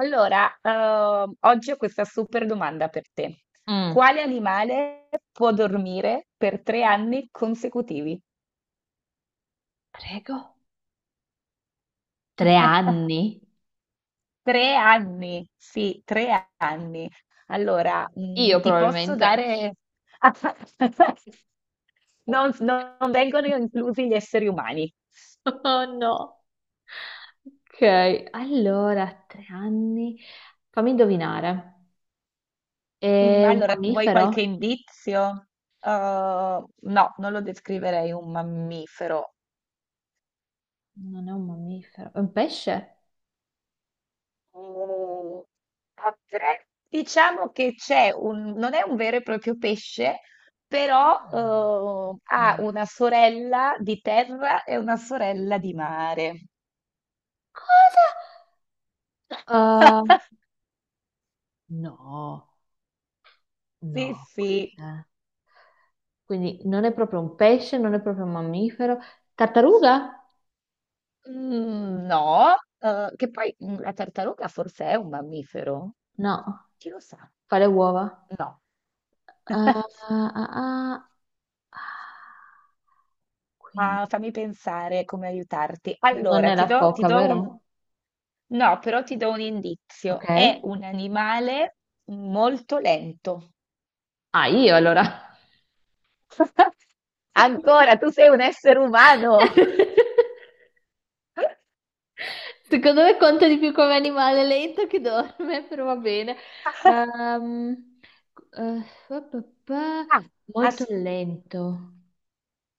Allora, oggi ho questa super domanda per te. Mm. Quale animale può dormire per tre anni consecutivi? Prego. tre anni? Tre anni, sì, tre anni. Allora, Io ti posso probabilmente. dare... Non vengono inclusi gli esseri umani. Oh no. Ok, allora, 3 anni. Fammi indovinare. È un Allora, vuoi qualche mammifero? indizio? No, non lo descriverei un mammifero. Non è un mammifero, è un pesce? Mhmm, potre diciamo che c'è un non è un vero e proprio pesce, però, ha Ok. una sorella di terra e una sorella di mare. Uh, no, Sì, no. sì. Quindi non è proprio un pesce, non è proprio un mammifero. Tartaruga? Mhmm, no, che poi, la tartaruga forse è un mammifero? No, Chi lo sa? fa le uova. No. Ah, ah, ah, Ah, ah. fammi pensare come aiutarti. Non Allora, è ti la do, ti foca, do un... vero? No, però ti do un Ok. indizio. È un animale molto lento. Ah, io allora. Ancora, tu sei un essere umano. Secondo me conta di più come animale lento che dorme, però va bene. Ehm, eh, pa, pa, pa, Ah, molto as- lento.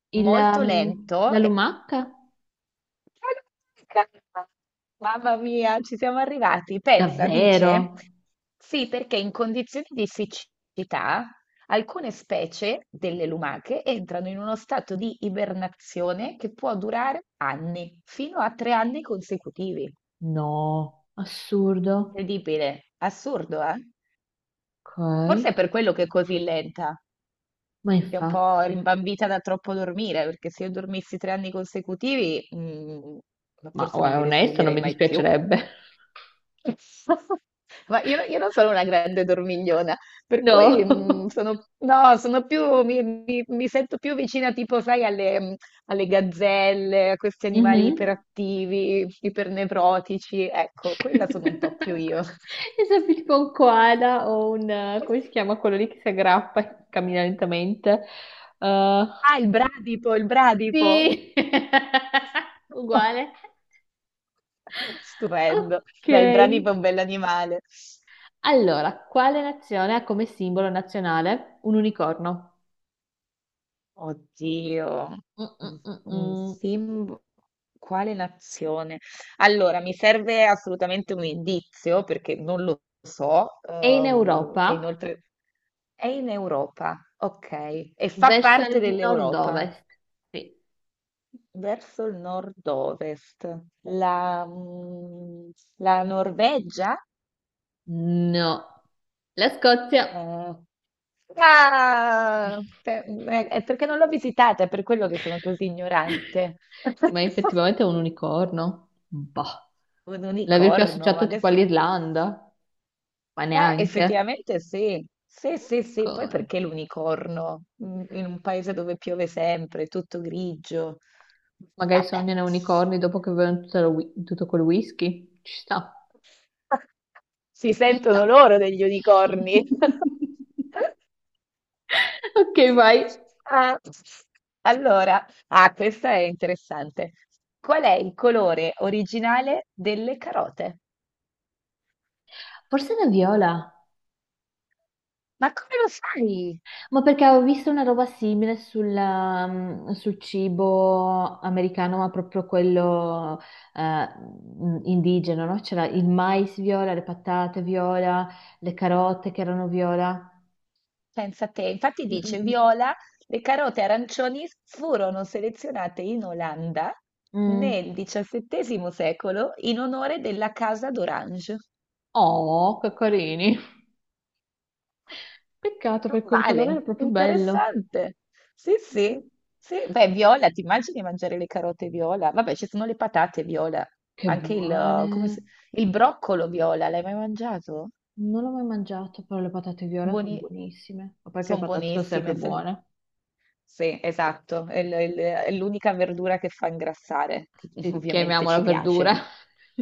Il, molto ehm, lento. la lumaca? Mamma mia, ci siamo arrivati. Pensa, Davvero? dice, sì, perché in condizioni di siccità alcune specie delle lumache entrano in uno stato di ibernazione che può durare anni, fino a tre anni consecutivi. No, assurdo. Incredibile, assurdo, eh? Ok, Forse è per quello che è così lenta, ma che è un po' infatti. rimbambita da troppo dormire, perché se io dormissi tre anni consecutivi, Ma forse non guarda, mi onesto, non risveglierei mi mai più. dispiacerebbe. Ma io non sono una grande dormigliona, per cui No. Sono, no, sono più, mi sento più vicina tipo, sai, alle gazzelle, a questi animali Mhm. iperattivi, ipernevrotici, ecco, quella sono un po' più io. È sempre tipo un koala o un, come si chiama quello lì che si aggrappa e cammina lentamente? Eh, Ah, il bradipo, il bradipo. sì! Uguale. Stupendo. Ok. Beh, il bradipo è un bell'animale. Allora, quale nazione ha come simbolo nazionale un unicorno? Oddio, un un Mm-mm-mm-mm. simbolo. Quale nazione? Allora, mi serve assolutamente un indizio perché non lo so. È in E Europa, inoltre è in Europa, ok, e fa verso parte il dell'Europa, nord-ovest. Sì. verso il nord-ovest. La Norvegia? No. La Scozia. Eh, ah, è perché non l'ho visitata, è per quello che sono così ignorante. Sì, ma effettivamente è un unicorno. Boh. Un L'aver più unicorno, ma associato tipo adesso... all'Irlanda, ma neanche. effettivamente sì, sì, sì, sì, poi Co- perché l'unicorno? In un paese dove piove sempre, tutto grigio. Magari Vabbè, sognano unicorni dopo che bevono tutto, tutto quel whisky. Ci sta, si ci sentono sta. loro degli unicorni. Ok, vai. Ah, allora, ah, questa è interessante. Qual è il colore originale delle carote? Forse una viola. Ma come lo sai? Ma perché avevo visto una roba simile sul cibo americano, ma proprio quello indigeno, no? C'era il mais viola, le patate viola, le carote che erano viola. Pensa te, infatti Mm, dice mm, viola, le carote arancioni furono selezionate in Olanda mm. Mm. nel XVII secolo in onore della Casa d'Orange. Oh, che carini. Peccato perché il colore era Vale, proprio bello. interessante. Sì, Mm, sì, sì. Beh, viola, ti immagini mangiare le carote viola? Vabbè, ci sono le patate viola, Che anche il, eh, come si- buone. il broccolo viola, l'hai mai mangiato? Non l'ho mai mangiato, però le patate viola sono Buoni... buonissime. Ma perché le Sono patate sono sempre buonissime. buone. Sì, esatto, è l'unica verdura che fa ingrassare, che eh, ovviamente chiamiamola ci piace. verdura.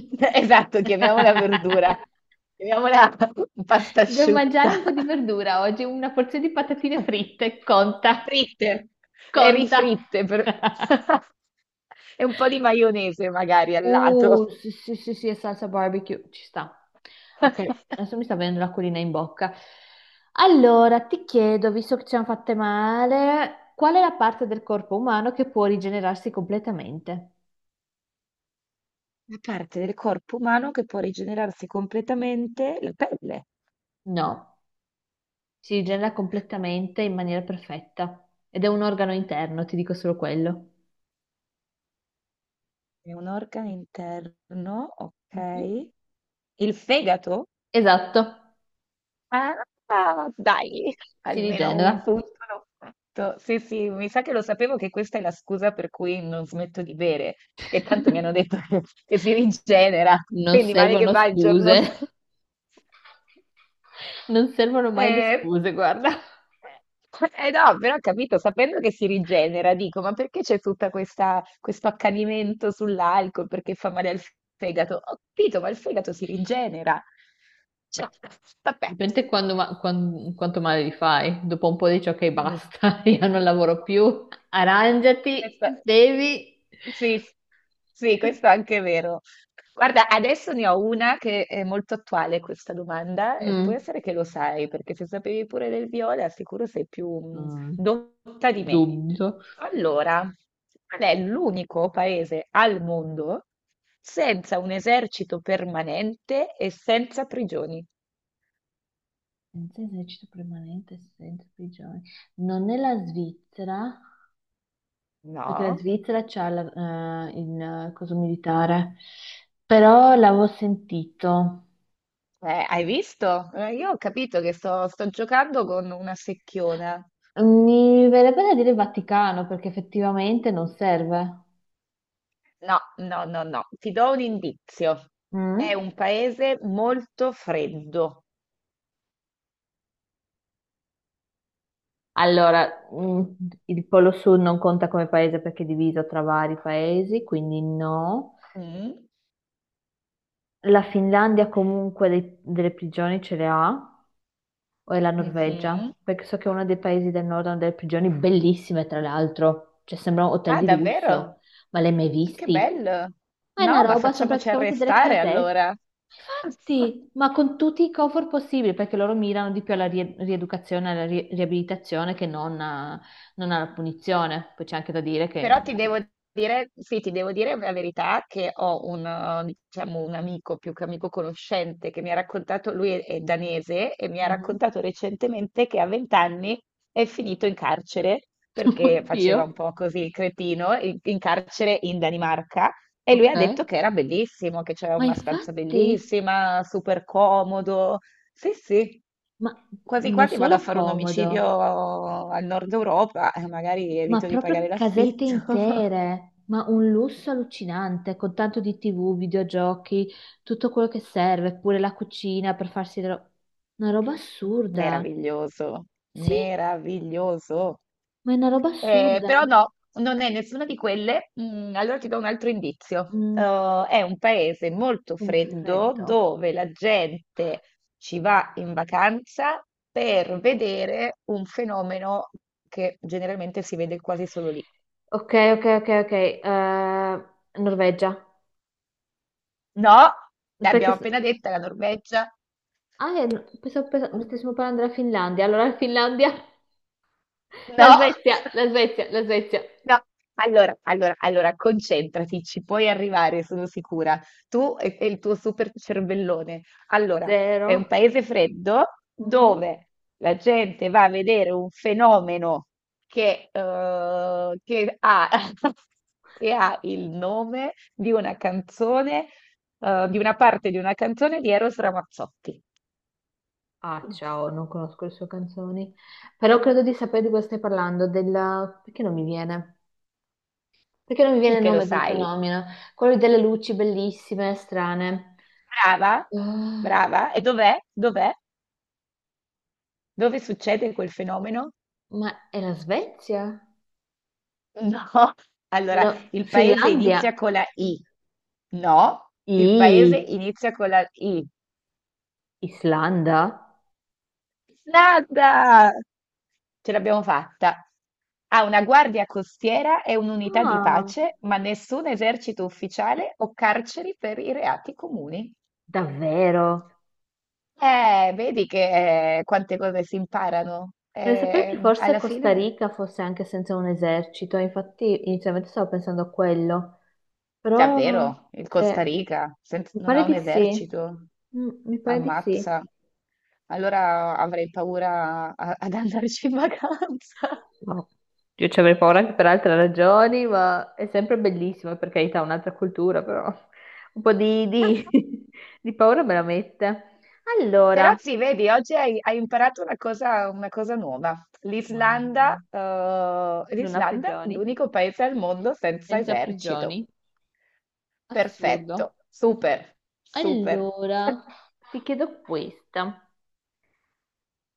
Esatto, chiamiamola verdura, chiamiamola pasta Devo asciutta. mangiare un po' di verdura oggi, una porzione di patatine fritte, conta, Fritte, e conta. rifritte, e un po' di maionese magari al lato. Sì, sì, sì, sì, è salsa barbecue, ci sta. Ok, adesso mi sta venendo l'acquolina in bocca. Allora, ti chiedo, visto che ci hanno fatte male, qual è la parte del corpo umano che può rigenerarsi completamente? La parte del corpo umano che può rigenerarsi completamente la pelle. No. Si rigenera completamente in maniera perfetta ed è un organo interno, ti dico solo quello. È un organo interno, Mhm. okay. Il fegato? Esatto, Ah, dai, si almeno un rigenera. punto l'ho fatto. Sì, sì, mi sa che lo sapevo che questa è la scusa per cui non smetto di bere, che tanto mi hanno detto che si rigenera, Non quindi male che servono va il scuse. giorno Non servono mai le Eh, scuse, guarda. eh eh, no, però ho capito, sapendo che si rigenera, dico, ma perché c'è tutta questa, questo accanimento sull'alcol, perché fa male al fegato? Ho capito, ma il fegato si rigenera. Cioè, Beh, vabbè. dipende quando quanto male li fai. Dopo un po' dici ok, Mm. basta, io non lavoro più. Arrangiati, Questa- devi. Sì, sì, questo è anche vero. Guarda, adesso ne ho una che è molto attuale questa domanda e può Mm. essere che lo sai, perché se sapevi pure del viola, sicuro sei più Mm. dotta di me. Dubito. Allora, qual è l'unico paese al mondo senza un esercito permanente e senza prigioni? Senza esercito permanente, senza prigione. Non è la Svizzera, perché la No? Svizzera c'ha il coso militare, però l'avevo sentito. Hai visto? Io ho capito che sto giocando con una secchiona. Mi verrebbe da dire Vaticano, perché effettivamente non serve. No, no, no, no. Ti do un indizio. È Mm? un paese molto freddo. Allora, il Polo Sud non conta come paese perché è diviso tra vari paesi, quindi no. Mm, La Finlandia comunque delle prigioni ce le ha. O è la Norvegia, mhm. perché so che è uno dei paesi del nord hanno delle prigioni bellissime, tra l'altro, cioè sembrano hotel Ah, di davvero? lusso, ma le hai mai Che visti? bello. Ma è una No, ma roba, sono facciamoci praticamente delle arrestare casette. allora. Infatti, ma con tutti i comfort possibili, perché loro mirano di più alla rieducazione, alla riabilitazione che non, non alla punizione. Poi c'è anche da dire che. Però ti devo dire, sì, ti devo dire la verità che ho un, diciamo, un amico, più che amico conoscente, che mi ha raccontato, lui è danese, e mi ha Mhm. raccontato recentemente che a 20 anni è finito in carcere, perché Oddio, faceva un po' così il cretino, in carcere in Danimarca, e lui ha detto ok. che era bellissimo, che c'era Ma una stanza infatti, bellissima, super comodo, sì, sì, ma quasi non quasi vado a solo fare un comodo. omicidio al nord Europa e magari Ma evito di pagare proprio casette l'affitto. intere, ma un lusso allucinante, con tanto di TV, videogiochi, tutto quello che serve, pure la cucina per farsi una roba assurda. Meraviglioso, Sì, meraviglioso. ma è una roba assurda. Però no, non è nessuna di quelle. Mm, allora ti do un altro indizio. Mm, È un paese molto di freddo freddo. dove la gente ci va in vacanza per vedere un fenomeno che generalmente si vede quasi solo lì. Ok, ok, ok, ok. Norvegia. No, Perché. l'abbiamo appena detta la Norvegia. Ah, pensavo Uh, stessimo parlando della Finlandia. Allora, la Finlandia, la No, Svezia, la Svezia, la Svezia. no. Allora, allora, allora, concentrati, ci puoi arrivare, sono sicura. Tu e il tuo super cervellone. Allora, è un Zero. paese freddo Mhm. dove la gente va a vedere un fenomeno che ha, che ha il nome di una canzone, di una parte di una canzone di Eros Ramazzotti. Ah, ciao, non conosco le sue canzoni, però credo di sapere di cosa stai parlando, della. Perché non mi viene? Perché non mi viene Sì il che lo nome del sai. fenomeno? Quello delle luci bellissime, strane. Brava, Ah, brava. E dov'è? Dov'è? Dove succede quel fenomeno? ma è la Svezia? No. Allora, No, il paese Finlandia? inizia con la I. No, il paese I. inizia con la I. Islanda? Nada! Ce l'abbiamo fatta. Ha una guardia costiera e un'unità di Ah, pace, ma nessun esercito ufficiale o carceri per i reati comuni. davvero? Vedi che quante cose si imparano. Non sapevo che forse Alla Costa fine. Rica fosse anche senza un esercito, infatti inizialmente stavo pensando a quello. Però, Davvero? Il Costa se, Rica mi non ha pare un di sì. esercito? Mm, mi pare di sì. Ammazza. Allora avrei paura ad andarci in vacanza. No. Io ci avrei paura anche per altre ragioni, ma è sempre bellissimo, per carità, un'altra cultura, però un po' di paura me la mette. Però Allora, sì, vedi, oggi hai imparato una cosa nuova. L'Islanda, Madre. eh, Non ha l'Islanda è prigioni, l'unico paese al mondo senza senza esercito. prigioni, assurdo. Perfetto, super, super. Allora, ti chiedo questa.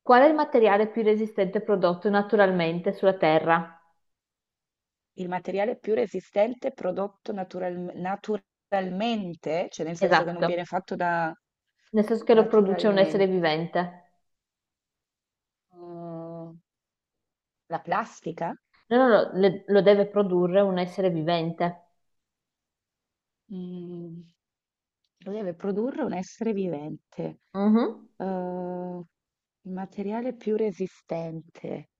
Qual è il materiale più resistente prodotto naturalmente sulla Terra? Il materiale più resistente prodotto naturalmente, cioè nel senso che non viene Esatto. fatto da Nel senso che lo produce un essere naturalmente, vivente. uh, la plastica, No, no, no, lo deve produrre un essere vivente. mm, lo deve produrre un essere vivente. Mhm. Uh, il materiale più resistente.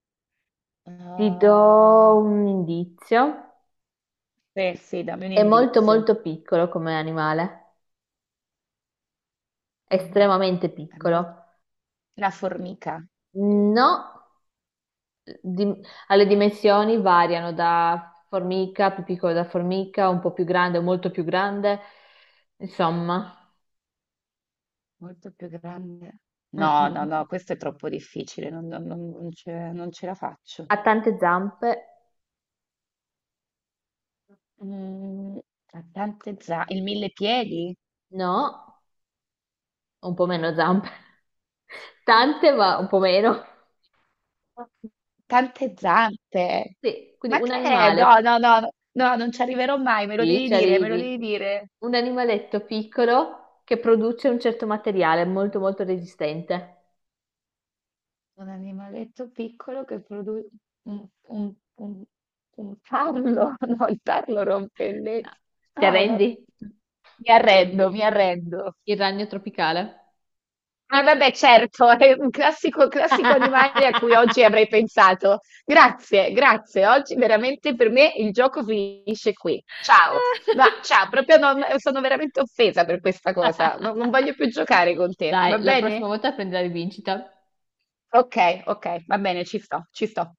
Ti do Uh, un indizio. beh, sì, dammi un È molto indizio. molto piccolo come animale, È, mo- estremamente è molto... piccolo. La formica. No, di- alle dimensioni variano da formica, più piccolo da formica, un po' più grande, molto più grande. Insomma. Molto più grande. Mm, No, mm, no, mm. no, questo è troppo difficile, non ce la faccio. Ha tante zampe? Mm, Ha tante zampe, il mille piedi? No, un po' meno zampe. Tante, ma un po' meno. Tante zampe. Sì, quindi Ma un che è? animale, No, no, no, no, no, non ci arriverò mai, me lo sì, devi ci dire, me lo arrivi, devi dire. un animaletto piccolo che produce un certo materiale molto molto resistente. Un animaletto piccolo che produce un, un, un, un tarlo, no, il tarlo rompe le... No. Ti No, arrendi? no. Mi arrendo, mi arrendo. Il ragno tropicale. Eh vabbè certo, è un classico classico animale a cui oggi avrei pensato. Grazie, grazie. Oggi veramente per me il gioco finisce qui. Ciao. Ma ciao, proprio non, sono veramente offesa per questa cosa. Non voglio più giocare con te, Dai, va la prossima bene? volta prendi la rivincita. Ok, ok, va bene, ci sto, ci sto.